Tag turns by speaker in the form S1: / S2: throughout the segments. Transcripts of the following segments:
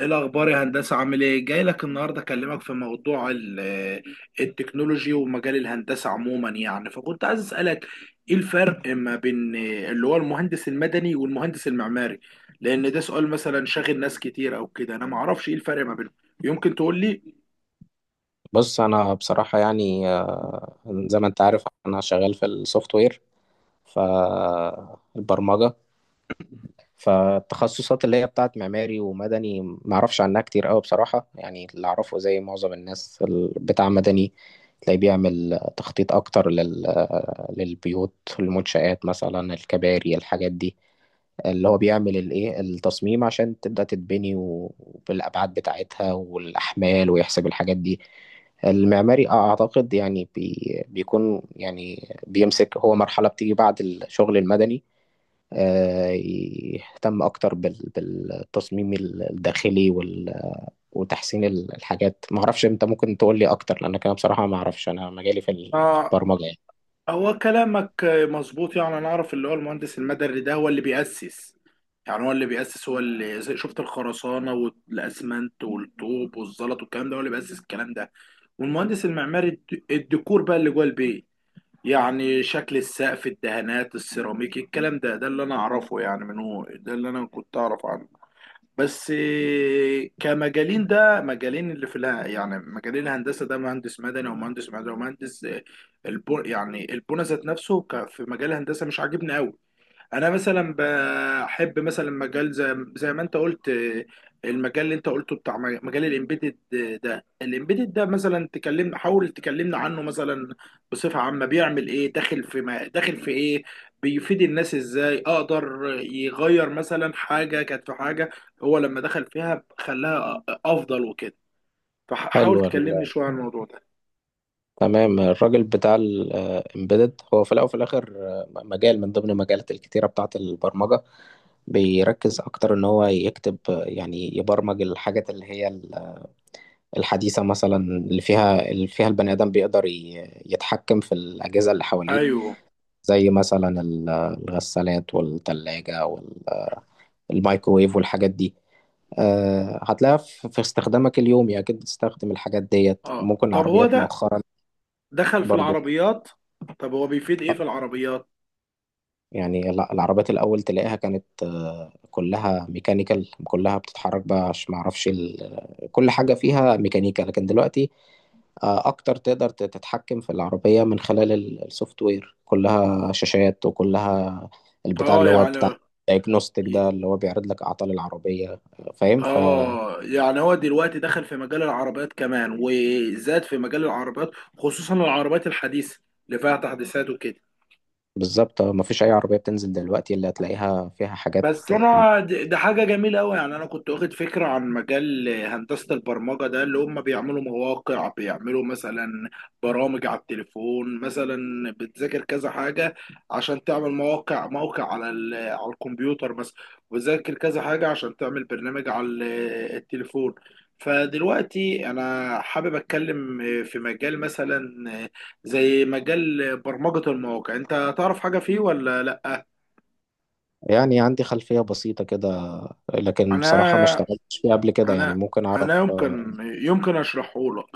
S1: ايه الاخبار يا هندسه، عامل ايه؟ جاي لك النهارده اكلمك في موضوع التكنولوجي ومجال الهندسه عموما، يعني فكنت عايز اسالك ايه الفرق ما بين اللي هو المهندس المدني والمهندس المعماري، لان ده سؤال مثلا شاغل ناس كتير او كده، انا ما اعرفش ايه الفرق ما بينهم. يمكن تقول لي.
S2: بص انا بصراحه يعني زي ما انت عارف انا شغال في السوفت وير فالبرمجه. فالتخصصات اللي هي بتاعت معماري ومدني ما اعرفش عنها كتير قوي بصراحه. يعني اللي اعرفه زي معظم الناس، بتاع مدني تلاقيه بيعمل تخطيط اكتر للبيوت، المنشآت مثلا، الكباري، الحاجات دي. اللي هو بيعمل الايه، التصميم عشان تبدأ تتبني، وبالأبعاد بتاعتها والأحمال ويحسب الحاجات دي. المعماري اه اعتقد يعني بيكون يعني بيمسك هو مرحلة بتيجي بعد الشغل المدني. آه، يهتم اكتر بالتصميم الداخلي وتحسين الحاجات. ما اعرفش، انت ممكن تقول لي اكتر لانك انا بصراحة ما اعرفش، انا مجالي في
S1: آه،
S2: البرمجة يعني.
S1: هو كلامك مظبوط. يعني انا اعرف اللي هو المهندس المدني ده هو اللي بيأسس، يعني هو اللي بيأسس، هو اللي شفت الخرسانة والاسمنت والطوب والزلط والكلام ده، هو اللي بيأسس الكلام ده. والمهندس المعماري الديكور بقى اللي جوه البيت، يعني شكل السقف، الدهانات، السيراميك، الكلام ده اللي انا اعرفه، يعني من هو ده اللي انا كنت اعرف عنه. بس إيه، كمجالين، ده مجالين اللي في الها، يعني مجالين الهندسه، ده مهندس مدني ومهندس معماري ومهندس إيه، يعني البنى ذات نفسه في مجال الهندسه مش عاجبني قوي. انا مثلا بحب مثلا مجال زي ما انت قلت، المجال اللي انت قلته بتاع مجال الامبيدد. ده الامبيدد ده مثلا حاول تكلمنا عنه، مثلا بصفة عامة بيعمل ايه، داخل في ما داخل في ايه، بيفيد الناس ازاي، اقدر يغير مثلا حاجة كانت في حاجة هو لما دخل فيها خلاها افضل وكده.
S2: حلو،
S1: فحاول تكلمني شوية عن الموضوع ده.
S2: تمام. الراجل بتاع الامبيدد هو في الاول وفي الاخر مجال من ضمن المجالات الكتيره بتاعه البرمجه. بيركز اكتر ان هو يكتب، يعني يبرمج الحاجات اللي هي الحديثه، مثلا اللي فيها اللي فيها البني ادم بيقدر يتحكم في الاجهزه اللي حواليه.
S1: ايوه.
S2: زي مثلا الغسالات والثلاجه والمايكرويف والحاجات دي. هتلاقيها في استخدامك اليومي اكيد بتستخدم الحاجات ديت.
S1: اه،
S2: ممكن
S1: طب هو
S2: العربيات
S1: ده
S2: مؤخرا
S1: دخل في
S2: برضو.
S1: العربيات؟ طب هو بيفيد ايه في العربيات؟
S2: يعني لا، العربيات الأول تلاقيها كانت، كلها ميكانيكال، كلها بتتحرك بقى، عشان معرفش كل حاجة فيها ميكانيكا. لكن دلوقتي أكتر تقدر تتحكم في العربية من خلال السوفت وير، كلها شاشات وكلها البتاع
S1: اه
S2: اللي هو بتاع
S1: يعني.
S2: دايجنوستيك، ده اللي هو بيعرض لك أعطال العربية. فاهم؟
S1: اه يعني هو دلوقتي دخل في مجال العربيات كمان وزاد في مجال العربيات، خصوصا العربيات الحديثة اللي فيها تحديثات وكده.
S2: فبالظبط، مفيش أي عربية بتنزل دلوقتي اللي هتلاقيها فيها حاجات
S1: بس انا ده حاجه جميله قوي. يعني انا كنت واخد فكره عن مجال هندسه البرمجه ده، اللي هم بيعملوا مواقع، بيعملوا مثلا برامج على التليفون، مثلا بتذاكر كذا حاجه عشان تعمل مواقع موقع على على الكمبيوتر مثلا، وتذاكر كذا حاجه عشان تعمل برنامج على التليفون. فدلوقتي انا حابب اتكلم في مجال مثلا زي مجال برمجه المواقع. انت تعرف حاجه فيه ولا لا؟
S2: يعني عندي خلفية بسيطة كده، لكن بصراحة ما
S1: انا
S2: اشتغلتش فيه قبل كده. يعني
S1: انا
S2: ممكن
S1: انا
S2: أعرف.
S1: يمكن اشرحه لك.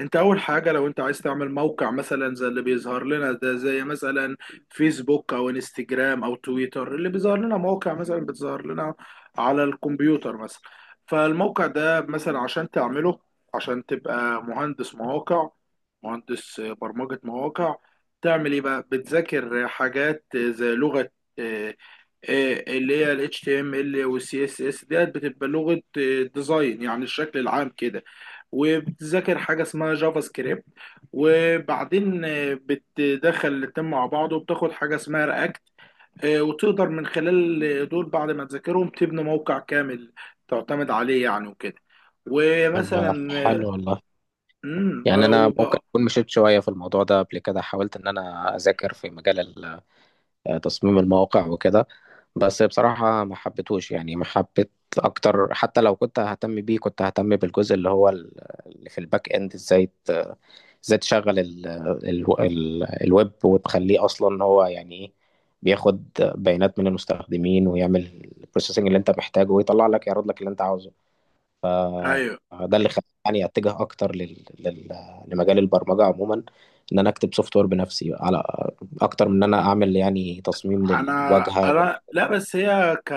S1: انت اول حاجه لو انت عايز تعمل موقع، مثلا زي اللي بيظهر لنا ده، زي مثلا فيسبوك او انستجرام او تويتر، اللي بيظهر لنا موقع مثلا بتظهر لنا على الكمبيوتر مثلا. فالموقع ده مثلا عشان تعمله، عشان تبقى مهندس مواقع، مهندس برمجة مواقع، تعمل ايه بقى؟ بتذاكر حاجات زي لغة آه، اللي هي ال HTML وال CSS ديت، بتبقى لغة ديزاين، يعني الشكل العام كده. وبتذاكر حاجة اسمها جافا سكريبت، وبعدين بتدخل الاتنين مع بعض وبتاخد حاجة اسمها رياكت. وتقدر من خلال دول بعد ما تذاكرهم تبني موقع كامل تعتمد عليه يعني وكده.
S2: طب
S1: ومثلا
S2: حلو والله. يعني انا ممكن
S1: وبقى.
S2: اكون مشيت شويه في الموضوع ده قبل كده، حاولت ان انا اذاكر في مجال تصميم المواقع وكده، بس بصراحه ما حبيتهوش. يعني ما حبيت اكتر. حتى لو كنت ههتم بيه كنت ههتم بالجزء اللي هو اللي في الباك اند. ازاي تشغل ال الويب وتخليه اصلا إن هو يعني ايه، بياخد بيانات من المستخدمين ويعمل البروسيسنج اللي انت محتاجه، ويطلع لك يعرض لك اللي انت عاوزه. ده اللي خلاني يعني اتجه اكتر لمجال البرمجه عموما، ان انا اكتب سوفت وير بنفسي، على اكتر من ان انا اعمل يعني تصميم
S1: انا
S2: للواجهه
S1: انا لا، بس هي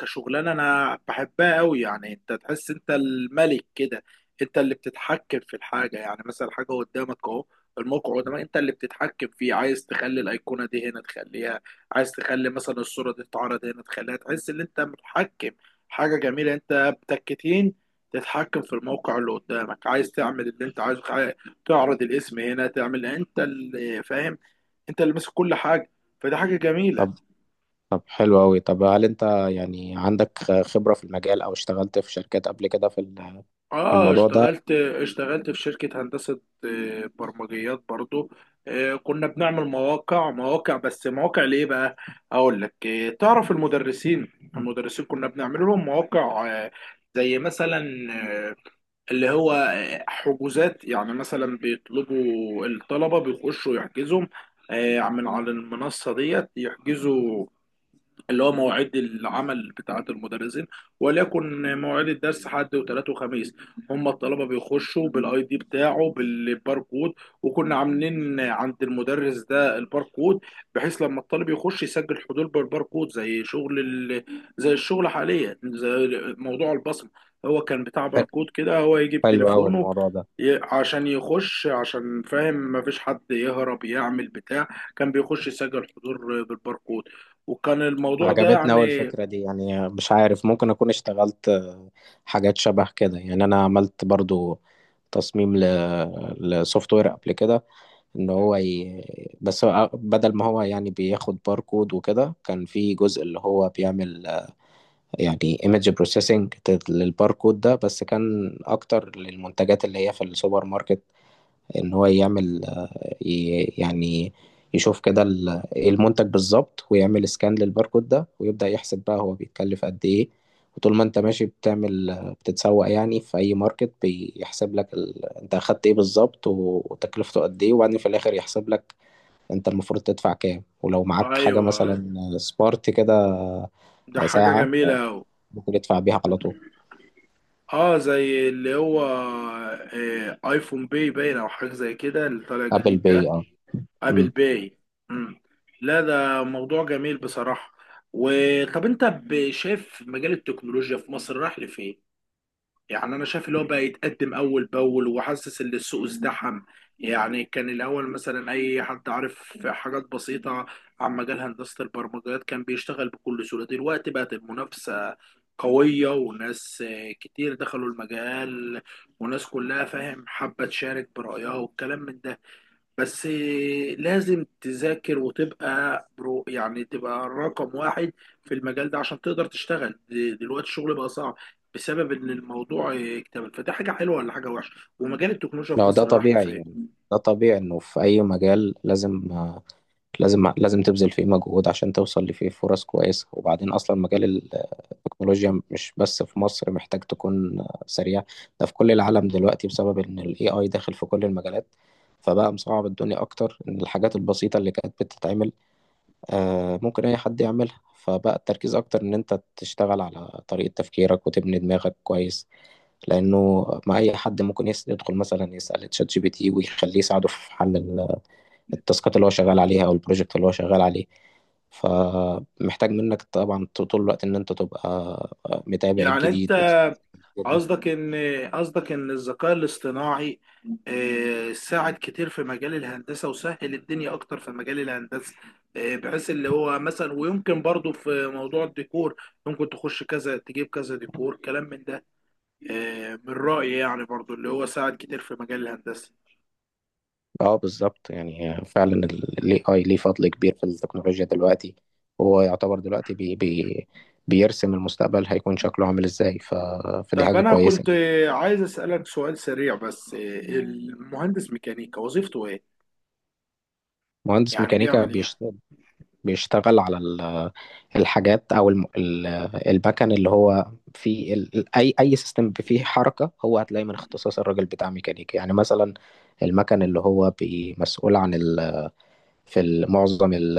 S1: كشغلانه انا بحبها قوي. يعني انت تحس انت الملك كده، انت اللي بتتحكم في الحاجه. يعني مثلا حاجه قدامك اهو، الموقع قدامك، انت اللي بتتحكم فيه. عايز تخلي الايقونه دي هنا تخليها، عايز تخلي مثلا الصوره دي تتعرض هنا تخليها. تحس ان انت متحكم. حاجه جميله، انت بتكتين تتحكم في الموقع اللي قدامك. عايز تعمل اللي انت عايزه، عايز تعرض الاسم هنا تعمل، انت اللي فاهم، انت اللي ماسك كل حاجه. فدي حاجه جميله.
S2: طب طب حلو قوي. طب هل انت يعني عندك خبره في المجال او اشتغلت في شركات قبل كده في في
S1: اه،
S2: الموضوع ده؟
S1: اشتغلت في شركة هندسة برمجيات برضو. كنا بنعمل مواقع بس، مواقع ليه بقى؟ اقول لك. تعرف المدرسين كنا بنعمل لهم مواقع، زي مثلا آه، اللي هو حجوزات. يعني مثلا بيطلبوا الطلبة بيخشوا يحجزوا من على المنصة ديت، يحجزوا اللي هو مواعيد العمل بتاعت المدرسين. وليكن مواعيد الدرس حد وثلاث وخميس، هم الطلبه بيخشوا بالاي دي بتاعه، بالباركود. وكنا عاملين عند المدرس ده الباركود، بحيث لما الطالب يخش يسجل حضور بالباركود زي شغل زي الشغل حاليا زي موضوع البصمه. هو كان بتاع باركود كده، هو يجي
S2: حلو قوي
S1: بتليفونه
S2: الموضوع ده.
S1: عشان يخش، عشان فاهم مفيش حد يهرب يعمل بتاع، كان بيخش يسجل حضور بالباركود. وكان الموضوع ده
S2: عجبتني أوي
S1: يعني.
S2: الفكرة دي. يعني مش عارف، ممكن أكون اشتغلت حاجات شبه كده. يعني أنا عملت برضو تصميم لسوفت وير قبل كده، ان هو بس هو بدل ما هو يعني بياخد باركود وكده، كان في جزء اللي هو بيعمل يعني ايمج بروسيسنج للباركود ده، بس كان اكتر للمنتجات اللي هي في السوبر ماركت. ان هو يعمل يعني يشوف كده المنتج بالظبط ويعمل سكان للباركود ده، ويبدأ يحسب بقى هو بيتكلف قد ايه. وطول ما انت ماشي بتعمل، بتتسوق يعني في اي ماركت، بيحسب لك انت اخدت ايه بالظبط، وتكلفته قد ايه، وبعدين في الاخر يحسب لك انت المفروض تدفع كام. ولو معاك حاجة
S1: ايوه،
S2: مثلا سبارت كده،
S1: ده حاجة
S2: ساعة،
S1: جميلة أوي.
S2: ممكن تدفع بيها على طول.
S1: اه، زي اللي هو ايفون باي باين او حاجة زي كده اللي طالع
S2: ابل
S1: جديد
S2: باي،
S1: ده.
S2: اه. امم
S1: ابل باي. مم. لا، ده موضوع جميل بصراحة. وطب انت شايف مجال التكنولوجيا في مصر راح لفين؟ يعني انا شايف اللي هو بقى يتقدم اول باول، وحاسس ان السوق ازدحم. يعني كان الاول مثلا اي حد عارف حاجات بسيطه عن مجال هندسه البرمجيات كان بيشتغل بكل سهوله، دلوقتي بقت المنافسه قويه وناس كتير دخلوا المجال، وناس كلها فاهم حابه تشارك برايها والكلام من ده. بس لازم تذاكر وتبقى برو، يعني تبقى رقم واحد في المجال ده عشان تقدر تشتغل. دلوقتي الشغل بقى صعب بسبب ان الموضوع اكتمل. فده حاجه حلوه ولا حاجه وحشه؟ ومجال التكنولوجيا في
S2: لو ده
S1: مصر راح
S2: طبيعي
S1: لفين؟
S2: يعني. ده طبيعي، انه في اي مجال لازم، لازم تبذل فيه مجهود عشان توصل لفيه فرص كويسة. وبعدين اصلا مجال التكنولوجيا مش بس في مصر محتاج تكون سريع، ده في كل العالم دلوقتي، بسبب ان الاي اي داخل في كل المجالات. فبقى مصعب الدنيا اكتر، ان الحاجات البسيطة اللي كانت بتتعمل ممكن أي حد يعملها. فبقى التركيز أكتر إن أنت تشتغل على طريقة تفكيرك وتبني دماغك كويس، لأنه مع أي حد ممكن يدخل مثلا يسأل تشات جي بي تي ويخليه يساعده في حل التاسكات اللي هو شغال عليها أو البروجكت اللي هو شغال عليه. فمحتاج منك طبعا طول الوقت إن أنت تبقى متابع
S1: يعني
S2: الجديد
S1: انت،
S2: والحاجات دي.
S1: قصدك ان قصدك ان الذكاء الاصطناعي ساعد كتير في مجال الهندسه وسهل الدنيا اكتر في مجال الهندسه. بحيث اللي هو مثلا، ويمكن برضو في موضوع الديكور ممكن تخش كذا تجيب كذا ديكور كلام من ده. من رأيي يعني برضو اللي هو ساعد كتير في مجال الهندسه.
S2: اه بالظبط. يعني هي فعلا الاي اي ليه فضل كبير في التكنولوجيا دلوقتي، وهو يعتبر دلوقتي بي بيرسم المستقبل هيكون شكله عامل ازاي. فدي
S1: طب
S2: حاجة
S1: انا
S2: كويسة
S1: كنت
S2: جدا.
S1: عايز اسألك سؤال سريع بس. المهندس ميكانيكا وظيفته ايه؟
S2: مهندس
S1: يعني
S2: ميكانيكا
S1: بيعمل ايه؟
S2: بيشتغل على الحاجات او المكن اللي هو في اي اي سيستم فيه حركة، هو هتلاقي من اختصاص الراجل بتاع ميكانيكا. يعني مثلا المكن اللي هو مسؤول عن في معظم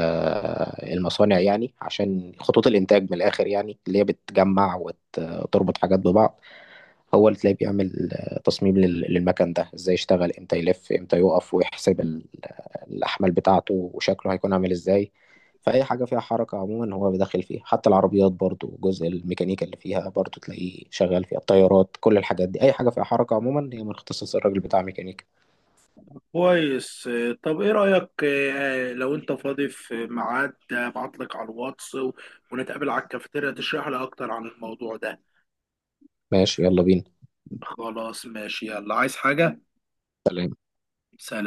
S2: المصانع، يعني عشان خطوط الإنتاج من الآخر، يعني اللي هي بتجمع وتربط حاجات ببعض. هو اللي تلاقيه بيعمل تصميم للمكن ده ازاي يشتغل، امتى يلف، امتى يقف، ويحسب الأحمال بتاعته وشكله هيكون عامل ازاي. فأي حاجة فيها حركة عموما هو بيدخل فيها، حتى العربيات برضو جزء الميكانيكا اللي فيها برضو تلاقيه شغال فيها، الطيارات، كل الحاجات دي. أي حاجة فيها حركة عموما هي من اختصاص الراجل بتاع ميكانيكا.
S1: كويس. طب ايه رأيك لو انت فاضي في ميعاد ابعت لك على الواتس ونتقابل على الكافيتيريا تشرح لي اكتر عن الموضوع ده.
S2: ماشي، يلا بينا.
S1: خلاص ماشي، يلا، عايز حاجة؟
S2: سلام.
S1: سلام.